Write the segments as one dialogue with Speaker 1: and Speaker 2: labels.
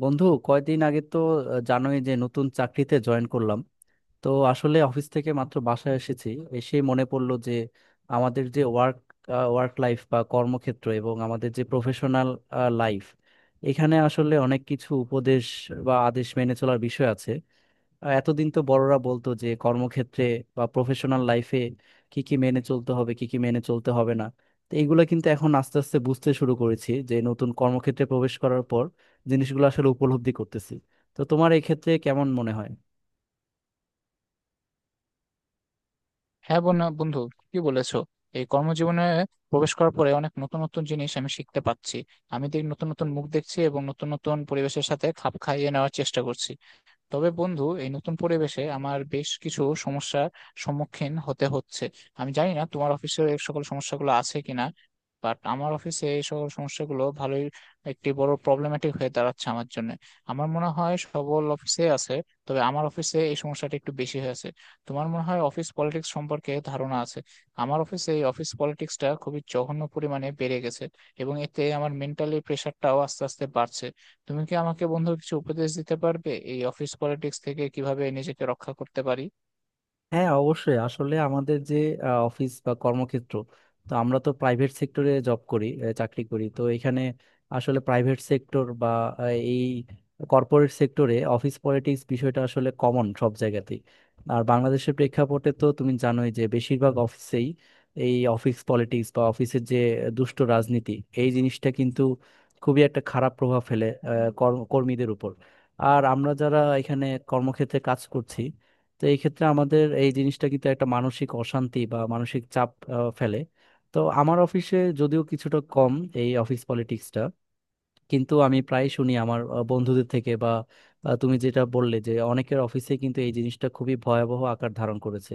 Speaker 1: বন্ধু, কয়দিন আগে তো জানোই যে নতুন চাকরিতে জয়েন করলাম। তো আসলে অফিস থেকে মাত্র বাসায় এসেছি। এসে মনে পড়লো যে আমাদের যে ওয়ার্ক ওয়ার্ক লাইফ বা কর্মক্ষেত্র এবং আমাদের যে প্রফেশনাল লাইফ, এখানে আসলে অনেক কিছু উপদেশ বা আদেশ মেনে চলার বিষয় আছে। এতদিন তো বড়রা বলতো যে কর্মক্ষেত্রে বা প্রফেশনাল লাইফে কি কি মেনে চলতে হবে, কি কি মেনে চলতে হবে না। তো এইগুলা কিন্তু এখন আস্তে আস্তে বুঝতে শুরু করেছি যে নতুন কর্মক্ষেত্রে প্রবেশ করার পর জিনিসগুলো আসলে উপলব্ধি করতেছি। তো তোমার এই ক্ষেত্রে কেমন মনে হয়?
Speaker 2: হ্যাঁ, বন্ধু কি বলেছো? এই কর্মজীবনে প্রবেশ করার পরে অনেক নতুন নতুন জিনিস আমি শিখতে পাচ্ছি। আমি দেখ, নতুন নতুন মুখ দেখছি এবং নতুন নতুন পরিবেশের সাথে খাপ খাইয়ে নেওয়ার চেষ্টা করছি। তবে বন্ধু, এই নতুন পরিবেশে আমার বেশ কিছু সমস্যার সম্মুখীন হতে হচ্ছে। আমি জানি না তোমার অফিসে এই সকল সমস্যাগুলো আছে কিনা, বাট আমার অফিসে এই সকল সমস্যাগুলো ভালোই একটি বড় প্রবলেম্যাটিক হয়ে দাঁড়াচ্ছে আমার জন্য। আমার মনে হয় সবল অফিসে আছে, তবে আমার অফিসে এই সমস্যাটা একটু বেশি হয়েছে। তোমার মনে হয় অফিস পলিটিক্স সম্পর্কে ধারণা আছে। আমার অফিসে এই অফিস পলিটিক্সটা খুবই জঘন্য পরিমাণে বেড়ে গেছে এবং এতে আমার মেন্টালি প্রেশারটাও আস্তে আস্তে বাড়ছে। তুমি কি আমাকে বন্ধু কিছু উপদেশ দিতে পারবে, এই অফিস পলিটিক্স থেকে কিভাবে নিজেকে রক্ষা করতে পারি?
Speaker 1: হ্যাঁ, অবশ্যই আসলে আমাদের যে অফিস বা কর্মক্ষেত্র, তো আমরা তো প্রাইভেট সেক্টরে জব করি, চাকরি করি, তো এখানে আসলে প্রাইভেট সেক্টর বা আহ, এই কর্পোরেট সেক্টরে অফিস পলিটিক্স বিষয়টা আসলে কমন সব জায়গাতেই। আর বাংলাদেশের প্রেক্ষাপটে তো তুমি জানোই যে বেশিরভাগ অফিসেই এই অফিস পলিটিক্স বা অফিসের যে দুষ্ট রাজনীতি, এই জিনিসটা কিন্তু খুবই একটা খারাপ প্রভাব ফেলে কর্মীদের উপর। আর আমরা যারা এখানে কর্মক্ষেত্রে কাজ করছি, তো এই ক্ষেত্রে আমাদের এই জিনিসটা কিন্তু একটা মানসিক অশান্তি বা মানসিক চাপ ফেলে। তো আমার অফিসে যদিও কিছুটা কম এই অফিস পলিটিক্সটা, কিন্তু আমি প্রায় শুনি আমার বন্ধুদের থেকে বা তুমি যেটা বললে যে অনেকের অফিসে কিন্তু এই জিনিসটা খুবই ভয়াবহ আকার ধারণ করেছে।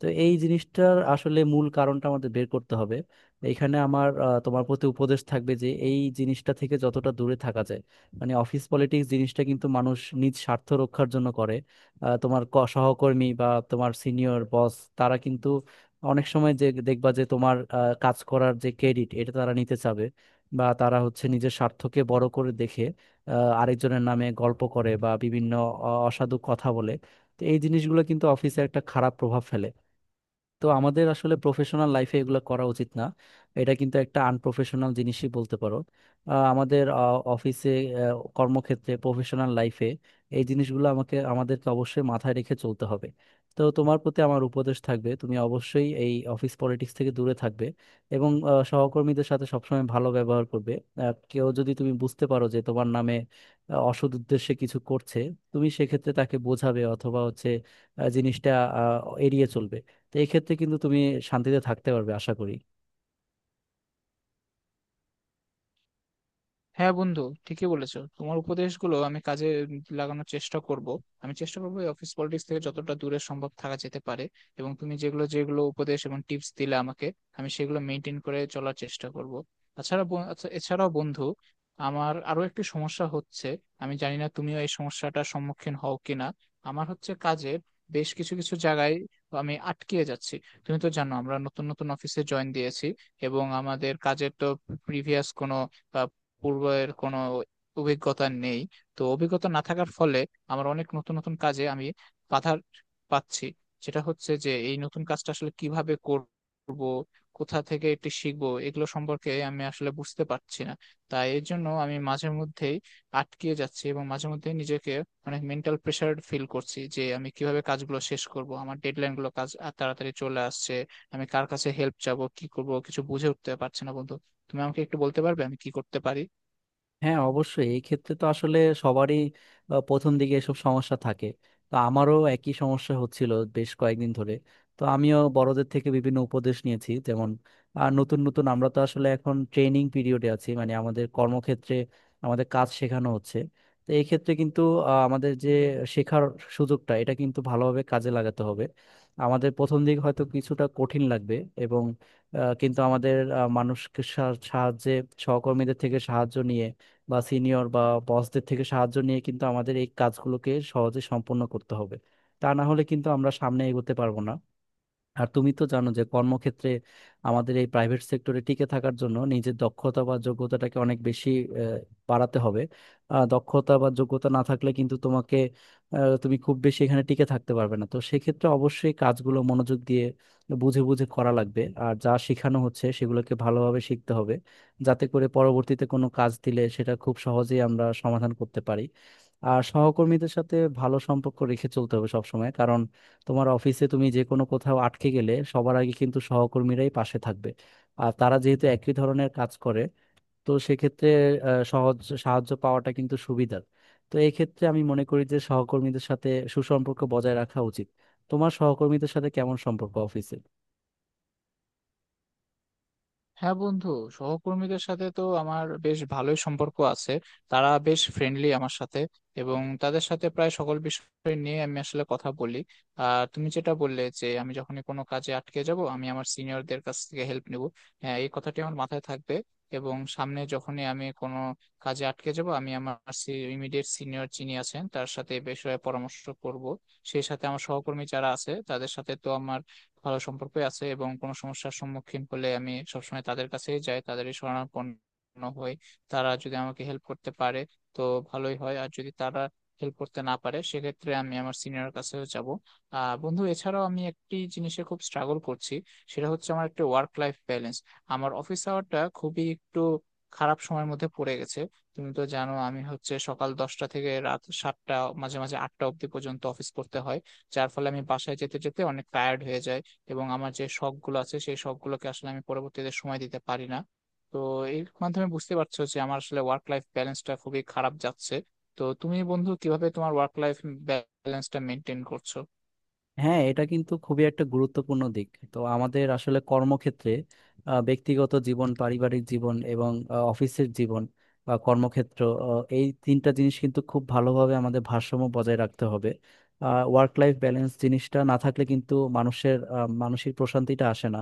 Speaker 1: তো এই জিনিসটার আসলে মূল কারণটা আমাদের বের করতে হবে। এখানে আমার তোমার প্রতি উপদেশ থাকবে যে এই জিনিসটা থেকে যতটা দূরে থাকা যায়। মানে অফিস পলিটিক্স জিনিসটা কিন্তু মানুষ নিজ স্বার্থ রক্ষার জন্য করে। তোমার সহকর্মী বা তোমার সিনিয়র বস, তারা কিন্তু অনেক সময় যে দেখবা যে তোমার কাজ করার যে ক্রেডিট এটা তারা নিতে চাবে, বা তারা হচ্ছে নিজের স্বার্থকে বড় করে দেখে, আরেকজনের নামে গল্প করে বা বিভিন্ন অসাধু কথা বলে। তো এই জিনিসগুলো কিন্তু অফিসে একটা খারাপ প্রভাব ফেলে। তো আমাদের আসলে প্রফেশনাল লাইফে এগুলো করা উচিত না। এটা কিন্তু একটা আনপ্রফেশনাল জিনিসই বলতে পারো। আমাদের অফিসে, কর্মক্ষেত্রে, প্রফেশনাল লাইফে এই জিনিসগুলো আমাকে আমাদেরকে অবশ্যই মাথায় রেখে চলতে হবে। তো তোমার প্রতি আমার উপদেশ থাকবে, তুমি অবশ্যই এই অফিস পলিটিক্স থেকে দূরে থাকবে এবং সহকর্মীদের সাথে সবসময় ভালো ব্যবহার করবে। কেউ যদি তুমি বুঝতে পারো যে তোমার নামে অসৎ উদ্দেশ্যে কিছু করছে, তুমি সেক্ষেত্রে তাকে বোঝাবে অথবা হচ্ছে জিনিসটা এড়িয়ে চলবে। তো এই ক্ষেত্রে কিন্তু তুমি শান্তিতে থাকতে পারবে আশা করি।
Speaker 2: হ্যাঁ বন্ধু, ঠিকই বলেছো। তোমার উপদেশগুলো আমি কাজে লাগানোর চেষ্টা করব। আমি চেষ্টা করবো এই অফিস পলিটিক্স থেকে যতটা দূরে সম্ভব থাকা যেতে পারে। এবং তুমি যেগুলো যেগুলো উপদেশ এবং টিপস দিলে আমাকে, আমি সেগুলো মেনটেন করে চলার চেষ্টা করব। তাছাড়া এছাড়াও বন্ধু, আমার আরো একটি সমস্যা হচ্ছে। আমি জানি না তুমিও এই সমস্যাটার সম্মুখীন হও কিনা। আমার হচ্ছে কাজের বেশ কিছু কিছু জায়গায় আমি আটকিয়ে যাচ্ছি। তুমি তো জানো আমরা নতুন নতুন অফিসে জয়েন দিয়েছি এবং আমাদের কাজের তো প্রিভিয়াস কোনো, পূর্বের কোনো অভিজ্ঞতা নেই। তো অভিজ্ঞতা না থাকার ফলে আমার অনেক নতুন নতুন কাজে আমি বাধা পাচ্ছি। সেটা হচ্ছে যে এই নতুন কাজটা আসলে কিভাবে করব, কোথা থেকে এটি শিখবো, এগুলো সম্পর্কে আমি আসলে বুঝতে পারছি না। তাই এর জন্য আমি মাঝে মধ্যেই আটকিয়ে যাচ্ছি এবং মাঝে মধ্যে নিজেকে অনেক মেন্টাল প্রেশার ফিল করছি যে আমি কিভাবে কাজগুলো শেষ করব, আমার ডেডলাইন গুলো কাজ আর তাড়াতাড়ি চলে আসছে। আমি কার কাছে হেল্প চাবো, কি করব, কিছু বুঝে উঠতে পারছি না বন্ধু। তুমি আমাকে একটু বলতে পারবে আমি কি করতে পারি?
Speaker 1: হ্যাঁ, অবশ্যই এই ক্ষেত্রে তো আসলে সবারই প্রথম দিকে এসব সমস্যা থাকে। তো আমারও একই সমস্যা হচ্ছিল বেশ কয়েকদিন ধরে। তো আমিও বড়দের থেকে বিভিন্ন উপদেশ নিয়েছি। যেমন নতুন নতুন আমরা তো আসলে এখন ট্রেনিং পিরিয়ডে আছি, মানে আমাদের কর্মক্ষেত্রে আমাদের কাজ শেখানো হচ্ছে। তো এই ক্ষেত্রে কিন্তু আমাদের যে শেখার সুযোগটা, এটা কিন্তু ভালোভাবে কাজে লাগাতে হবে। আমাদের প্রথম দিক হয়তো কিছুটা কঠিন লাগবে, এবং কিন্তু আমাদের সাহায্যে, সহকর্মীদের থেকে সাহায্য নিয়ে বা সিনিয়র বা বসদের থেকে সাহায্য নিয়ে কিন্তু আমাদের এই কাজগুলোকে সহজে সম্পন্ন করতে হবে। তা না হলে কিন্তু আমরা সামনে এগোতে পারবো না। আর তুমি তো জানো যে কর্মক্ষেত্রে, আমাদের এই প্রাইভেট সেক্টরে টিকে থাকার জন্য নিজের দক্ষতা বা যোগ্যতাটাকে অনেক বেশি আহ, বাড়াতে হবে। দক্ষতা বা যোগ্যতা না থাকলে কিন্তু তোমাকে তুমি খুব বেশি এখানে টিকে থাকতে পারবে না। তো সেক্ষেত্রে অবশ্যই কাজগুলো মনোযোগ দিয়ে বুঝে বুঝে করা লাগবে, আর যা শেখানো হচ্ছে সেগুলোকে ভালোভাবে শিখতে হবে যাতে করে পরবর্তীতে কোনো কাজ দিলে সেটা খুব সহজেই আমরা সমাধান করতে পারি। আর সহকর্মীদের সাথে ভালো সম্পর্ক রেখে চলতে হবে সবসময়। তোমার অফিসে তুমি যে কোনো কোথাও আটকে গেলে সবার আগে কিন্তু সহকর্মীরাই পাশে থাকবে। আর তারা যেহেতু একই ধরনের কাজ করে, তো সেক্ষেত্রে সহজ সাহায্য পাওয়াটা কিন্তু সুবিধার। তো এই ক্ষেত্রে আমি মনে করি যে সহকর্মীদের সাথে সুসম্পর্ক বজায় রাখা উচিত। তোমার সহকর্মীদের সাথে কেমন সম্পর্ক অফিসে?
Speaker 2: হ্যাঁ বন্ধু, সহকর্মীদের সাথে তো আমার বেশ ভালোই সম্পর্ক আছে। তারা বেশ ফ্রেন্ডলি আমার সাথে এবং তাদের সাথে প্রায় সকল বিষয় নিয়ে আমি আসলে কথা বলি। আর তুমি যেটা বললে যে আমি যখনই কোনো কাজে আটকে যাব আমি আমার সিনিয়রদের কাছ থেকে হেল্প নেব, হ্যাঁ এই কথাটি আমার মাথায় থাকবে। এবং সামনে যখনই আমি কোনো কাজে আটকে যাব আমি আমার ইমিডিয়েট সিনিয়র যিনি আছেন তার সাথে এ বিষয়ে পরামর্শ করব। সেই সাথে আমার সহকর্মী যারা আছে তাদের সাথে তো আমার ভালো সম্পর্ক আছে এবং কোনো সমস্যার সম্মুখীন হলে আমি সবসময় তাদের কাছেই যাই, তাদেরই শরণাপন্ন হই। তারা যদি আমাকে হেল্প করতে পারে তো ভালোই হয়, আর যদি তারা হেল্প করতে না পারে সেক্ষেত্রে আমি আমার সিনিয়র কাছেও যাব। আহ বন্ধু, এছাড়াও আমি একটি জিনিসে খুব স্ট্রাগল করছি। সেটা হচ্ছে আমার একটা ওয়ার্ক লাইফ ব্যালেন্স। আমার অফিস আওয়ারটা খুবই একটু খারাপ সময়ের মধ্যে পড়ে গেছে। তুমি তো জানো আমি হচ্ছে সকাল 10টা থেকে রাত 7টা, মাঝে মাঝে 8টা অবধি পর্যন্ত অফিস করতে হয়। যার ফলে আমি বাসায় যেতে যেতে অনেক টায়ার্ড হয়ে যাই এবং আমার যে শখ গুলো আছে সেই শখ গুলোকে আসলে আমি পরবর্তীতে সময় দিতে পারি না। তো এর মাধ্যমে বুঝতে পারছো যে আমার আসলে ওয়ার্ক লাইফ ব্যালেন্সটা খুবই খারাপ যাচ্ছে। তো তুমি বন্ধু কিভাবে তোমার ওয়ার্ক লাইফ ব্যালেন্সটা মেনটেন করছো?
Speaker 1: হ্যাঁ, এটা কিন্তু খুবই একটা গুরুত্বপূর্ণ দিক। তো আমাদের আসলে কর্মক্ষেত্রে, ব্যক্তিগত জীবন, পারিবারিক জীবন এবং অফিসের জীবন বা কর্মক্ষেত্র, এই তিনটা জিনিস কিন্তু খুব ভালোভাবে আমাদের ভারসাম্য বজায় রাখতে হবে। ওয়ার্ক লাইফ ব্যালেন্স জিনিসটা না থাকলে কিন্তু মানুষের মানসিক প্রশান্তিটা আসে না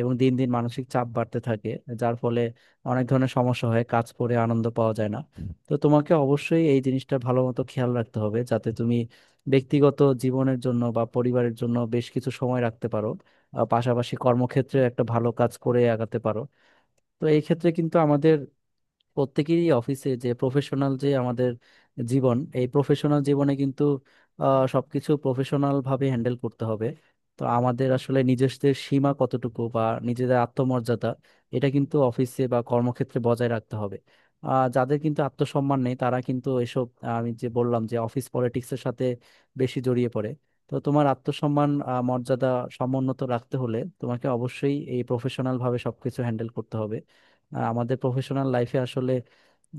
Speaker 1: এবং দিন দিন মানসিক চাপ বাড়তে থাকে, যার ফলে অনেক ধরনের সমস্যা হয়, কাজ করে আনন্দ পাওয়া যায় না। তো তোমাকে অবশ্যই এই জিনিসটা ভালো মতো খেয়াল রাখতে হবে যাতে তুমি ব্যক্তিগত জীবনের জন্য বা পরিবারের জন্য বেশ কিছু সময় রাখতে পারো, পাশাপাশি কর্মক্ষেত্রে একটা ভালো কাজ করে আগাতে পারো। তো এই ক্ষেত্রে কিন্তু আমাদের প্রত্যেকেরই অফিসে যে প্রফেশনাল যে আমাদের জীবন, এই প্রফেশনাল জীবনে কিন্তু সবকিছু প্রফেশনাল ভাবে হ্যান্ডেল করতে হবে। তো আমাদের আসলে নিজেদের সীমা কতটুকু বা নিজেদের আত্মমর্যাদা, এটা কিন্তু অফিসে বা কর্মক্ষেত্রে বজায় রাখতে হবে। যাদের কিন্তু আত্মসম্মান নেই, তারা কিন্তু এসব আমি যে বললাম যে অফিস পলিটিক্সের সাথে বেশি জড়িয়ে পড়ে। তো তোমার আত্মসম্মান, মর্যাদা সমুন্নত রাখতে হলে তোমাকে অবশ্যই এই প্রফেশনাল ভাবে সবকিছু হ্যান্ডেল করতে হবে। আর আমাদের প্রফেশনাল লাইফে আসলে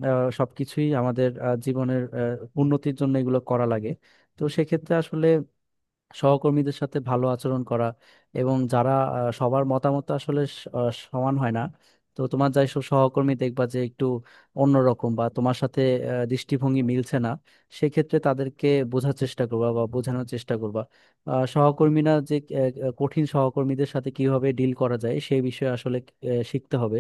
Speaker 1: সবকিছুই আমাদের জীবনের উন্নতির জন্য এগুলো করা লাগে। তো সেক্ষেত্রে আসলে সহকর্মীদের সাথে ভালো আচরণ করা, এবং যারা সবার মতামত তো আসলে সমান হয় না। তো তোমার যাই সব সহকর্মী দেখবা যে একটু অন্যরকম বা তোমার সাথে দৃষ্টিভঙ্গি মিলছে না, সেক্ষেত্রে তাদেরকে বোঝার চেষ্টা করবা বা বোঝানোর চেষ্টা করবা। আহ, সহকর্মীরা যে আহ, আহ, কঠিন সহকর্মীদের সাথে কিভাবে ডিল করা যায় সেই বিষয়ে আসলে শিখতে হবে,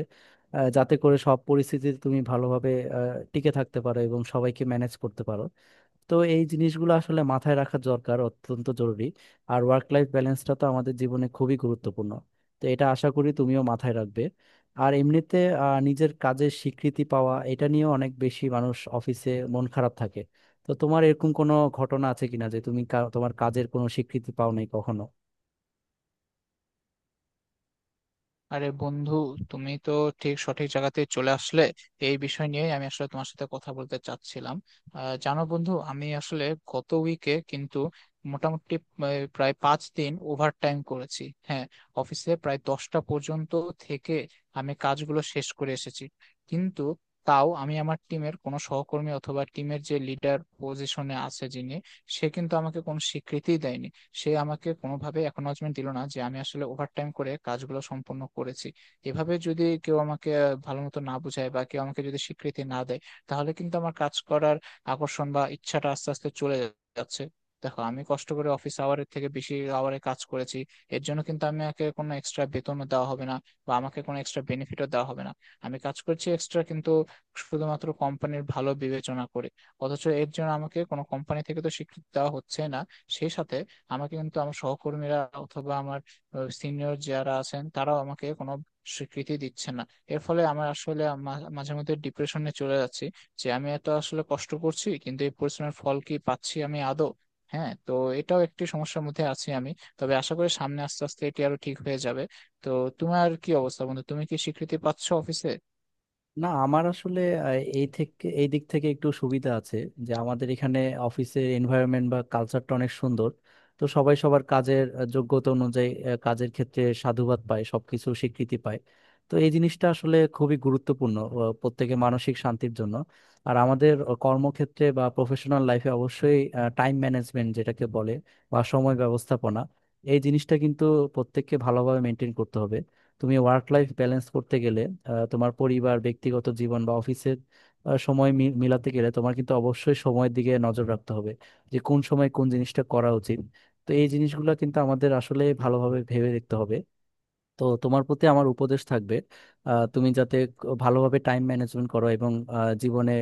Speaker 1: যাতে করে সব পরিস্থিতিতে তুমি ভালোভাবে আহ, টিকে থাকতে পারো এবং সবাইকে ম্যানেজ করতে পারো। তো এই জিনিসগুলো আসলে মাথায় রাখা দরকার, অত্যন্ত জরুরি। আর ওয়ার্ক লাইফ ব্যালেন্সটা তো আমাদের জীবনে খুবই গুরুত্বপূর্ণ, তো এটা আশা করি তুমিও মাথায় রাখবে। আর এমনিতে নিজের কাজের স্বীকৃতি পাওয়া, এটা নিয়ে অনেক বেশি মানুষ অফিসে মন খারাপ থাকে। তো তোমার এরকম কোনো ঘটনা আছে কিনা যে তুমি তোমার কাজের কোনো স্বীকৃতি পাও নাই কখনো?
Speaker 2: আরে বন্ধু, তুমি তো ঠিক সঠিক জায়গাতে চলে আসলে। এই বিষয় নিয়ে আমি আসলে তোমার সাথে কথা বলতে চাচ্ছিলাম। জানো বন্ধু, আমি আসলে গত উইকে কিন্তু মোটামুটি আহ, প্রায় 5 দিন ওভার টাইম করেছি। হ্যাঁ, অফিসে প্রায় 10টা পর্যন্ত থেকে আমি কাজগুলো শেষ করে এসেছি। কিন্তু তাও আমি আমার টিমের কোনো সহকর্মী অথবা টিমের যে লিডার পজিশনে আছে যিনি, সে কিন্তু আমাকে কোনো স্বীকৃতি দেয়নি। সে আমাকে কোনোভাবে অ্যাকনলেজমেন্ট দিল না যে আমি আসলে ওভারটাইম করে কাজগুলো সম্পন্ন করেছি। এভাবে যদি কেউ আমাকে ভালো মতো না বোঝায় বা কেউ আমাকে যদি স্বীকৃতি না দেয়, তাহলে কিন্তু আমার কাজ করার আকর্ষণ বা ইচ্ছাটা আস্তে আস্তে চলে যাচ্ছে। দেখো, আমি কষ্ট করে অফিস আওয়ারের থেকে বেশি আওয়ারে কাজ করেছি। এর জন্য কিন্তু আমাকে কোনো এক্সট্রা বেতনও দেওয়া হবে না বা আমাকে কোনো এক্সট্রা বেনিফিটও দেওয়া হবে না। আমি কাজ করছি এক্সট্রা কিন্তু শুধুমাত্র কোম্পানির ভালো বিবেচনা করে। অথচ এর জন্য আমাকে কোনো কোম্পানি থেকে তো স্বীকৃতি দেওয়া হচ্ছে না। সেই সাথে আমাকে কিন্তু আমার সহকর্মীরা অথবা আমার সিনিয়র যারা আছেন তারাও আমাকে কোনো স্বীকৃতি দিচ্ছে না। এর ফলে আমার আসলে মাঝে মধ্যে ডিপ্রেশনে চলে যাচ্ছি যে আমি এত আসলে কষ্ট করছি, কিন্তু এই পরিশ্রমের ফল কি পাচ্ছি আমি আদৌ? হ্যাঁ, তো এটাও একটি সমস্যার মধ্যে আছি আমি। তবে আশা করি সামনে আস্তে আস্তে এটি আরো ঠিক হয়ে যাবে। তো তোমার কি অবস্থা বন্ধু, তুমি কি স্বীকৃতি পাচ্ছ অফিসে?
Speaker 1: না, আমার আসলে আহ, এই থেকে এই দিক থেকে একটু সুবিধা আছে যে আমাদের এখানে অফিসের এনভায়রনমেন্ট বা কালচারটা অনেক সুন্দর। তো সবাই সবার কাজের যোগ্যতা অনুযায়ী কাজের ক্ষেত্রে সাধুবাদ পায়, সবকিছু স্বীকৃতি পায়। তো এই জিনিসটা আসলে খুবই গুরুত্বপূর্ণ প্রত্যেকের মানসিক শান্তির জন্য। আর আমাদের কর্মক্ষেত্রে বা প্রফেশনাল লাইফে অবশ্যই টাইম ম্যানেজমেন্ট যেটাকে বলে বা সময় ব্যবস্থাপনা, এই জিনিসটা কিন্তু প্রত্যেককে ভালোভাবে মেনটেন করতে হবে। তুমি ওয়ার্ক লাইফ ব্যালেন্স করতে গেলে তোমার পরিবার, ব্যক্তিগত জীবন বা অফিসের মিলাতে গেলে তোমার কিন্তু অবশ্যই সময়ের দিকে নজর রাখতে হবে যে কোন সময় কোন জিনিসটা করা উচিত। তো এই জিনিসগুলো কিন্তু আমাদের আসলে ভালোভাবে ভেবে দেখতে হবে। তো তোমার প্রতি আমার উপদেশ থাকবে, তুমি যাতে ভালোভাবে টাইম ম্যানেজমেন্ট করো এবং জীবনে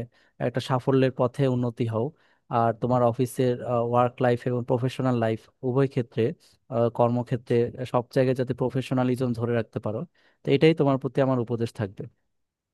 Speaker 1: একটা সাফল্যের পথে উন্নতি হও। আর তোমার অফিসের ওয়ার্ক লাইফ এবং প্রফেশনাল লাইফ উভয় ক্ষেত্রে, কর্মক্ষেত্রে সব জায়গায় যাতে প্রফেশনালিজম ধরে রাখতে পারো। তো এটাই তোমার প্রতি আমার উপদেশ থাকবে।